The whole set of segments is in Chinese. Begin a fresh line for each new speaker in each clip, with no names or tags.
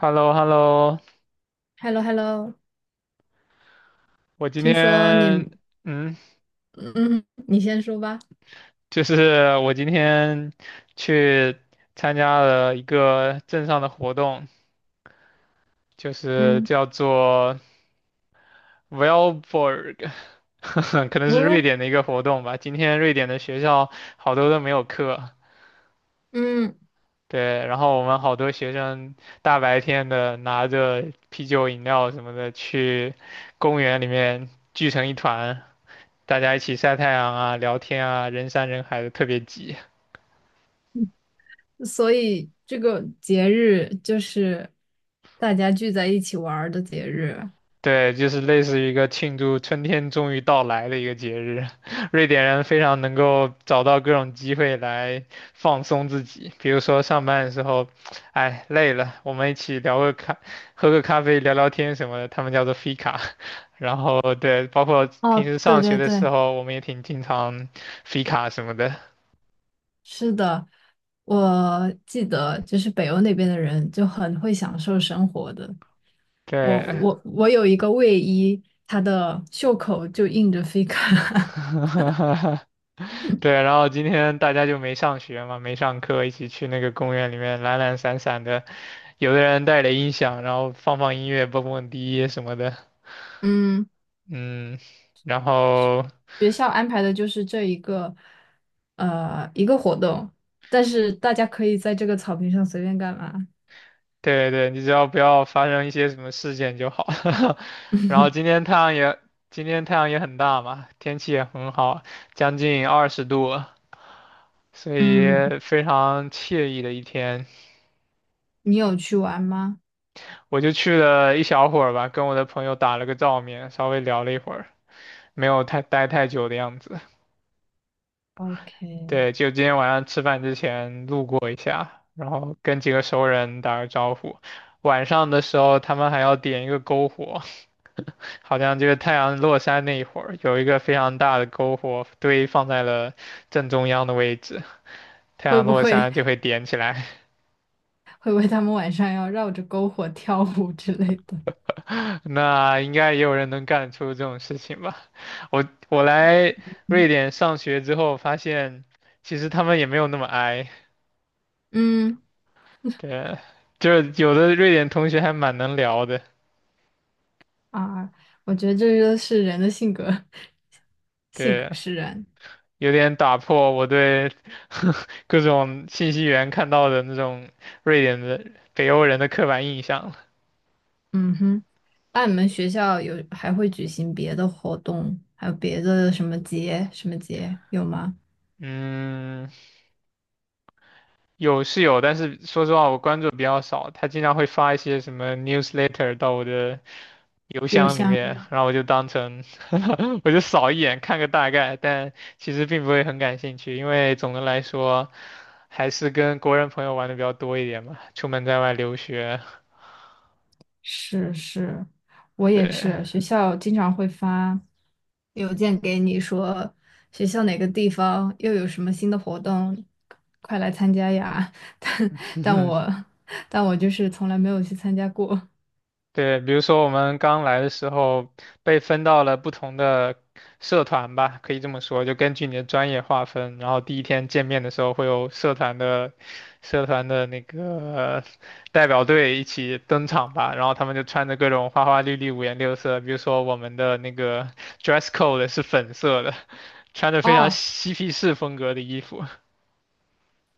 h e l l o h e l l o
h e l l o h e l l o
我今
听说你，
天，嗯，
嗯，你先说吧。
就是我今天去参加了一个镇上的活动，就是
嗯，
叫做 Valborg，可能是
我
瑞
有，
典的一个活动吧。今天瑞典的学校好多都没有课，
嗯，
对，然后我们好多学生大白天的拿着啤酒、饮料什么的去公园里面聚成一团，大家一起晒太阳啊、聊天啊，人山人海的，特别挤。
所以这个节日就是大家聚在一起玩儿的节日。
对，就是类似于一个庆祝春天终于到来的一个节日。瑞典人非常能够找到各种机会来放松自己，比如说上班的时候，哎，累了，我们一起聊个咖，喝个咖啡，聊聊天什么的，他们叫做 fika。然后对，包括平
哦，
时
对
上学
对
的时
对，
候，我们也挺经常 fika 什么的。
是的，我记得就是北欧那边的人就很会享受生活的。我
对，
我我有一个卫衣，它的袖口就印着 fika，
对，然后今天大家就没上学嘛，没上课，一起去那个公园里面懒懒散散的，有的人带着音响，然后放放音乐，蹦蹦迪什么的，
嗯，
嗯，然后
学校安排的就是这一个，一个活动，但是大家可以在这个草坪上随便干嘛。
对对，你只要不要发生一些什么事件就好。 然后今天太阳也，今天太阳也很大嘛，天气也很好，将近20度，所以
嗯，
非常惬意的一天。
你有去玩吗？
我就去了一小会儿吧，跟我的朋友打了个照面，稍微聊了一会儿，没有太待太久的样子。
，OK，
对，就今天晚上吃饭之前路过一下，然后跟几个熟人打个招呼。晚上的时候，他们还要点一个篝火，好像就是太阳落山那一会儿，有一个非常大的篝火堆放在了正中央的位置，太
会
阳
不
落
会
山就会点起来。
会不会他们晚上要绕着篝火跳舞之类的？
那应该也有人能干出这种事情吧？我来 瑞
嗯，
典上学之后，发现其实他们也没有那么 i，
嗯。
对，就是有的瑞典同学还蛮能聊的，
啊，我觉得这就是人的性格，性格
对，
使然。
有点打破我对 各种信息源看到的那种瑞典的北欧人的刻板印象了。
嗯哼，那你们学校有还会举行别的活动，还有别的什么节什么节有吗？
嗯，有是有，但是说实话，我关注比较少。他经常会发一些什么 newsletter 到我的邮
有
箱里
像。
面，然后我就当成 我就扫一眼看个大概，但其实并不会很感兴趣，因为总的来说还是跟国人朋友玩的比较多一点嘛，出门在外留学，
是是，我也
对，
是，学校经常会发邮件给你说学校哪个地方又有什么新的活动，快来参加呀！但但 我但我就是从来没有去参加过。
对，比如说我们刚来的时候被分到了不同的社团吧，可以这么说，就根据你的专业划分。然后第一天见面的时候会有社团的社团的那个代表队一起登场吧，然后他们就穿着各种花花绿绿、五颜六色。比如说我们的那个 dress code 是粉色的，穿着非常
哦，
嬉皮士风格的衣服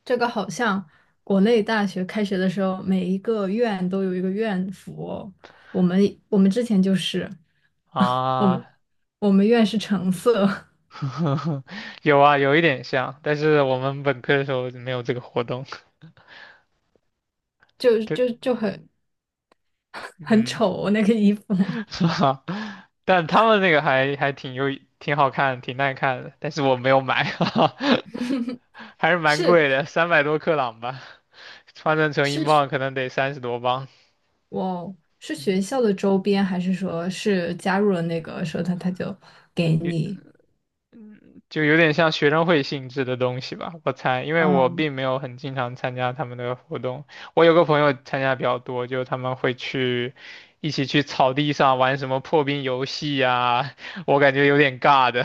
这个好像国内大学开学的时候，每一个院都有一个院服哦，我们我们之前就是，我们
啊。
我们院是橙色，
有啊，有一点像，但是我们本科的时候没有这个活动。
就
对，
就就很 很
嗯，
丑那个衣服。
是吧？但他们那个还挺有挺好看，挺耐看的，但是我没有买，还是蛮贵
是
的，300多克朗吧，换算成英
是
镑
是。
可能得30多镑，
哇哦，是学校的周边，还是说是加入了那个社团，他就给
有
你？
就有点像学生会性质的东西吧，我猜，因为我
嗯。
并没有很经常参加他们的活动，我有个朋友参加比较多，就他们会去。一起去草地上玩什么破冰游戏呀、我感觉有点尬的。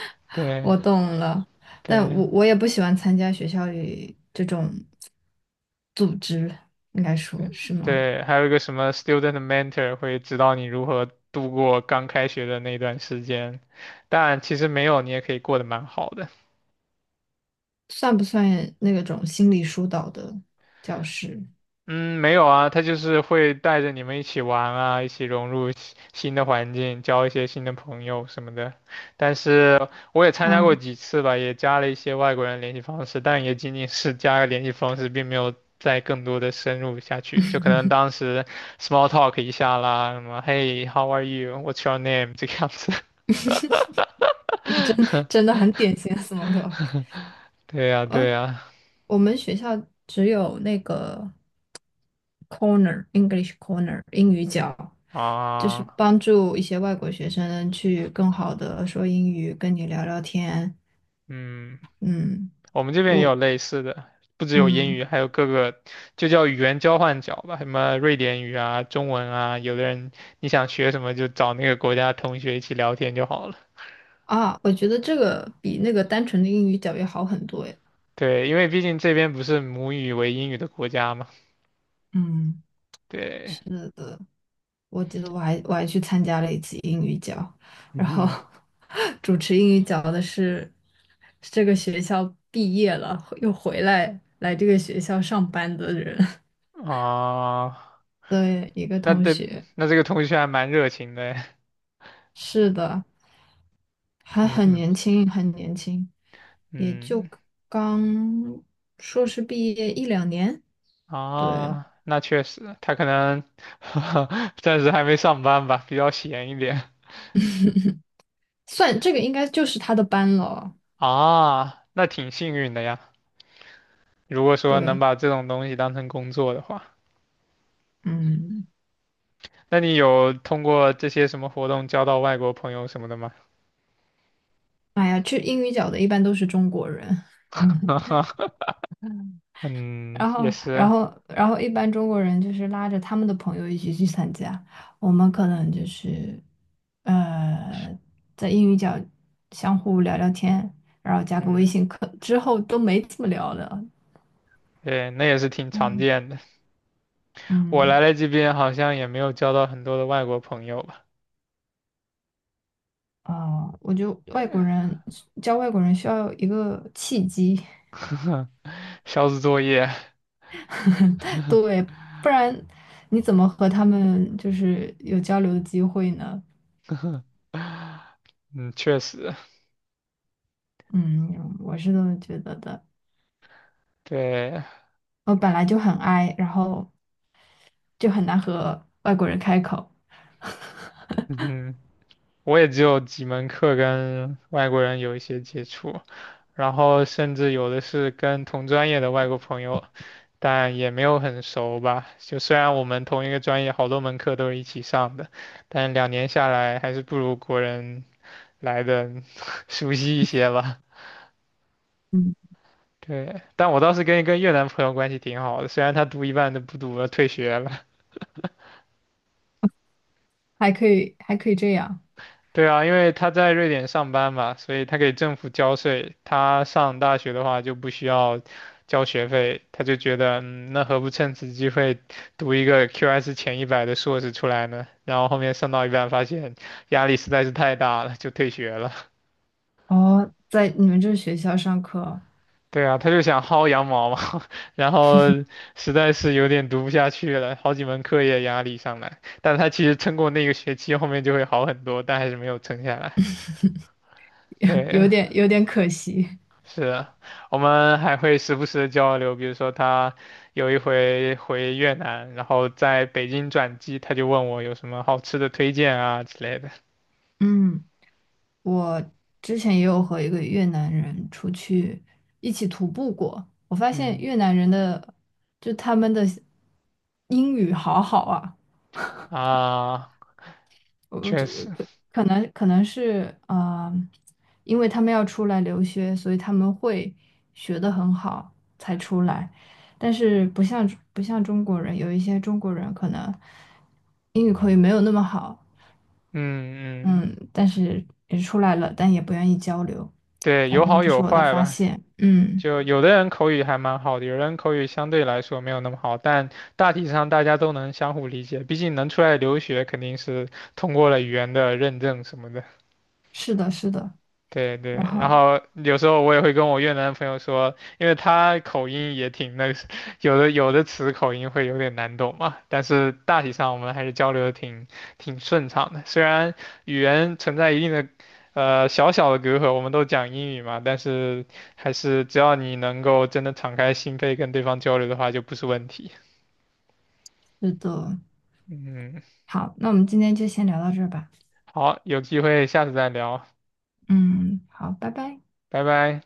对
我懂了，但
对，
我也不喜欢参加学校里这种组织，应该说是吗？
对还有一个什么 student mentor 会指导你如何度过刚开学的那段时间，但其实没有，你也可以过得蛮好的。
算不算那种心理疏导的教师？
嗯，没有啊，他就是会带着你们一起玩啊，一起融入新的环境，交一些新的朋友什么的。但是我也参加过
嗯，
几次吧，也加了一些外国人联系方式，但也仅仅是加个联系方式，并没有再更多的深入下去。就可能当时 small talk 一下啦，什么 Hey，how are you？What's your name？这个样子。
真，真的很典型的 s m o。
对呀，对
呃，
呀，
我们学校只有那个 corner English corner 英语角，就是
啊，
帮助一些外国学生去更好的说英语，跟你聊聊天。
嗯。
嗯，
我们这边也
我，
有类似的，不只有英
嗯，
语，还有各个就叫语言交换角吧，什么瑞典语啊、中文啊，有的人你想学什么就找那个国家同学一起聊天就好了。
啊，我觉得这个比那个单纯的英语角要好很多诶。
对，因为毕竟这边不是母语为英语的国家嘛。
嗯，
对，
是的。我记得我还去参加了一次英语角，然后
嗯
主持英语角的是这个学校毕业了又回来这个学校上班的人
哼，啊，
的一个
那
同
这
学。
那这个同学还蛮热情的，
是的，还
嗯
很
哼，
年轻，很年轻，也就
嗯。
刚硕士毕业一两年。对，
啊，那确实，他可能 暂时还没上班吧，比较闲一点
算这个应该就是他的班了。
啊，那挺幸运的呀。如果说能
对，
把这种东西当成工作的话，
嗯，
那你有通过这些什么活动交到外国朋友什么的吗？
哎呀，去英语角的一般都是中国人。嗯。
嗯，
然
也
后，然
是，
后，然后，一般中国人就是拉着他们的朋友一起去参加，我们可能就是，呃，在英语角相互聊聊天，然后加个微
嗯，
信，可之后都没怎么聊了。
对，那也是挺常
嗯，
见的。我来
嗯，
了这边好像也没有交到很多的外国朋友吧，
啊，我觉得外国 人教外国人需要有一个契机，
小组作业，
对，不然你怎么和他们就是有交流的机会呢？
嗯，确实，
嗯，我是这么觉得的。
对，
我本来就很 i，然后就很难和外国人开口。
嗯，我也只有几门课跟外国人有一些接触，然后甚至有的是跟同专业的外国朋友，但也没有很熟吧。就虽然我们同一个专业好多门课都是一起上的，但两年下来还是不如国人来的 熟悉一些吧。
嗯，
对，但我倒是跟一个越南朋友关系挺好的，虽然他读一半都不读了，退学了。
还可以，还可以这样。
对啊，因为他在瑞典上班嘛，所以他给政府交税。他上大学的话就不需要交学费，他就觉得，嗯，那何不趁此机会读一个 QS 前100的硕士出来呢？然后后面上到一半发现压力实在是太大了，就退学了。
哦，在你们这学校上课
对啊，他就想薅羊毛嘛，然后实在是有点读不下去了，好几门课业压力上来。但他其实撑过那个学期，后面就会好很多，但还是没有撑下来。
有
对，
点可惜。
是，我们还会时不时的交流，比如说他有一回回越南，然后在北京转机，他就问我有什么好吃的推荐啊之类的。
嗯，我之前也有和一个越南人出去一起徒步过，我发现
嗯
越南人的就他们的英语好好啊。
啊，
我
确
这
实，
可能是啊、因为他们要出来留学，所以他们会学得很好才出来。但是不像中国人，有一些中国人可能英语口语没有那么好，
嗯嗯，
嗯，但是也出来了，但也不愿意交流。
对，
反
有
正
好
这
有
是我的
坏
发
吧。
现，嗯，
就有的人口语还蛮好的，有人口语相对来说没有那么好，但大体上大家都能相互理解，毕竟能出来留学肯定是通过了语言的认证什么的。
是的，是的，
对对，
然
然
后
后有时候我也会跟我越南朋友说，因为他口音也挺那个，有的词口音会有点难懂嘛，但是大体上我们还是交流的挺顺畅的。虽然语言存在一定的小小的隔阂，我们都讲英语嘛，但是还是只要你能够真的敞开心扉跟对方交流的话，就不是问题。
是的，
嗯，
好，那我们今天就先聊到这儿吧，
好，有机会下次再聊，
嗯，好，拜拜。
拜拜。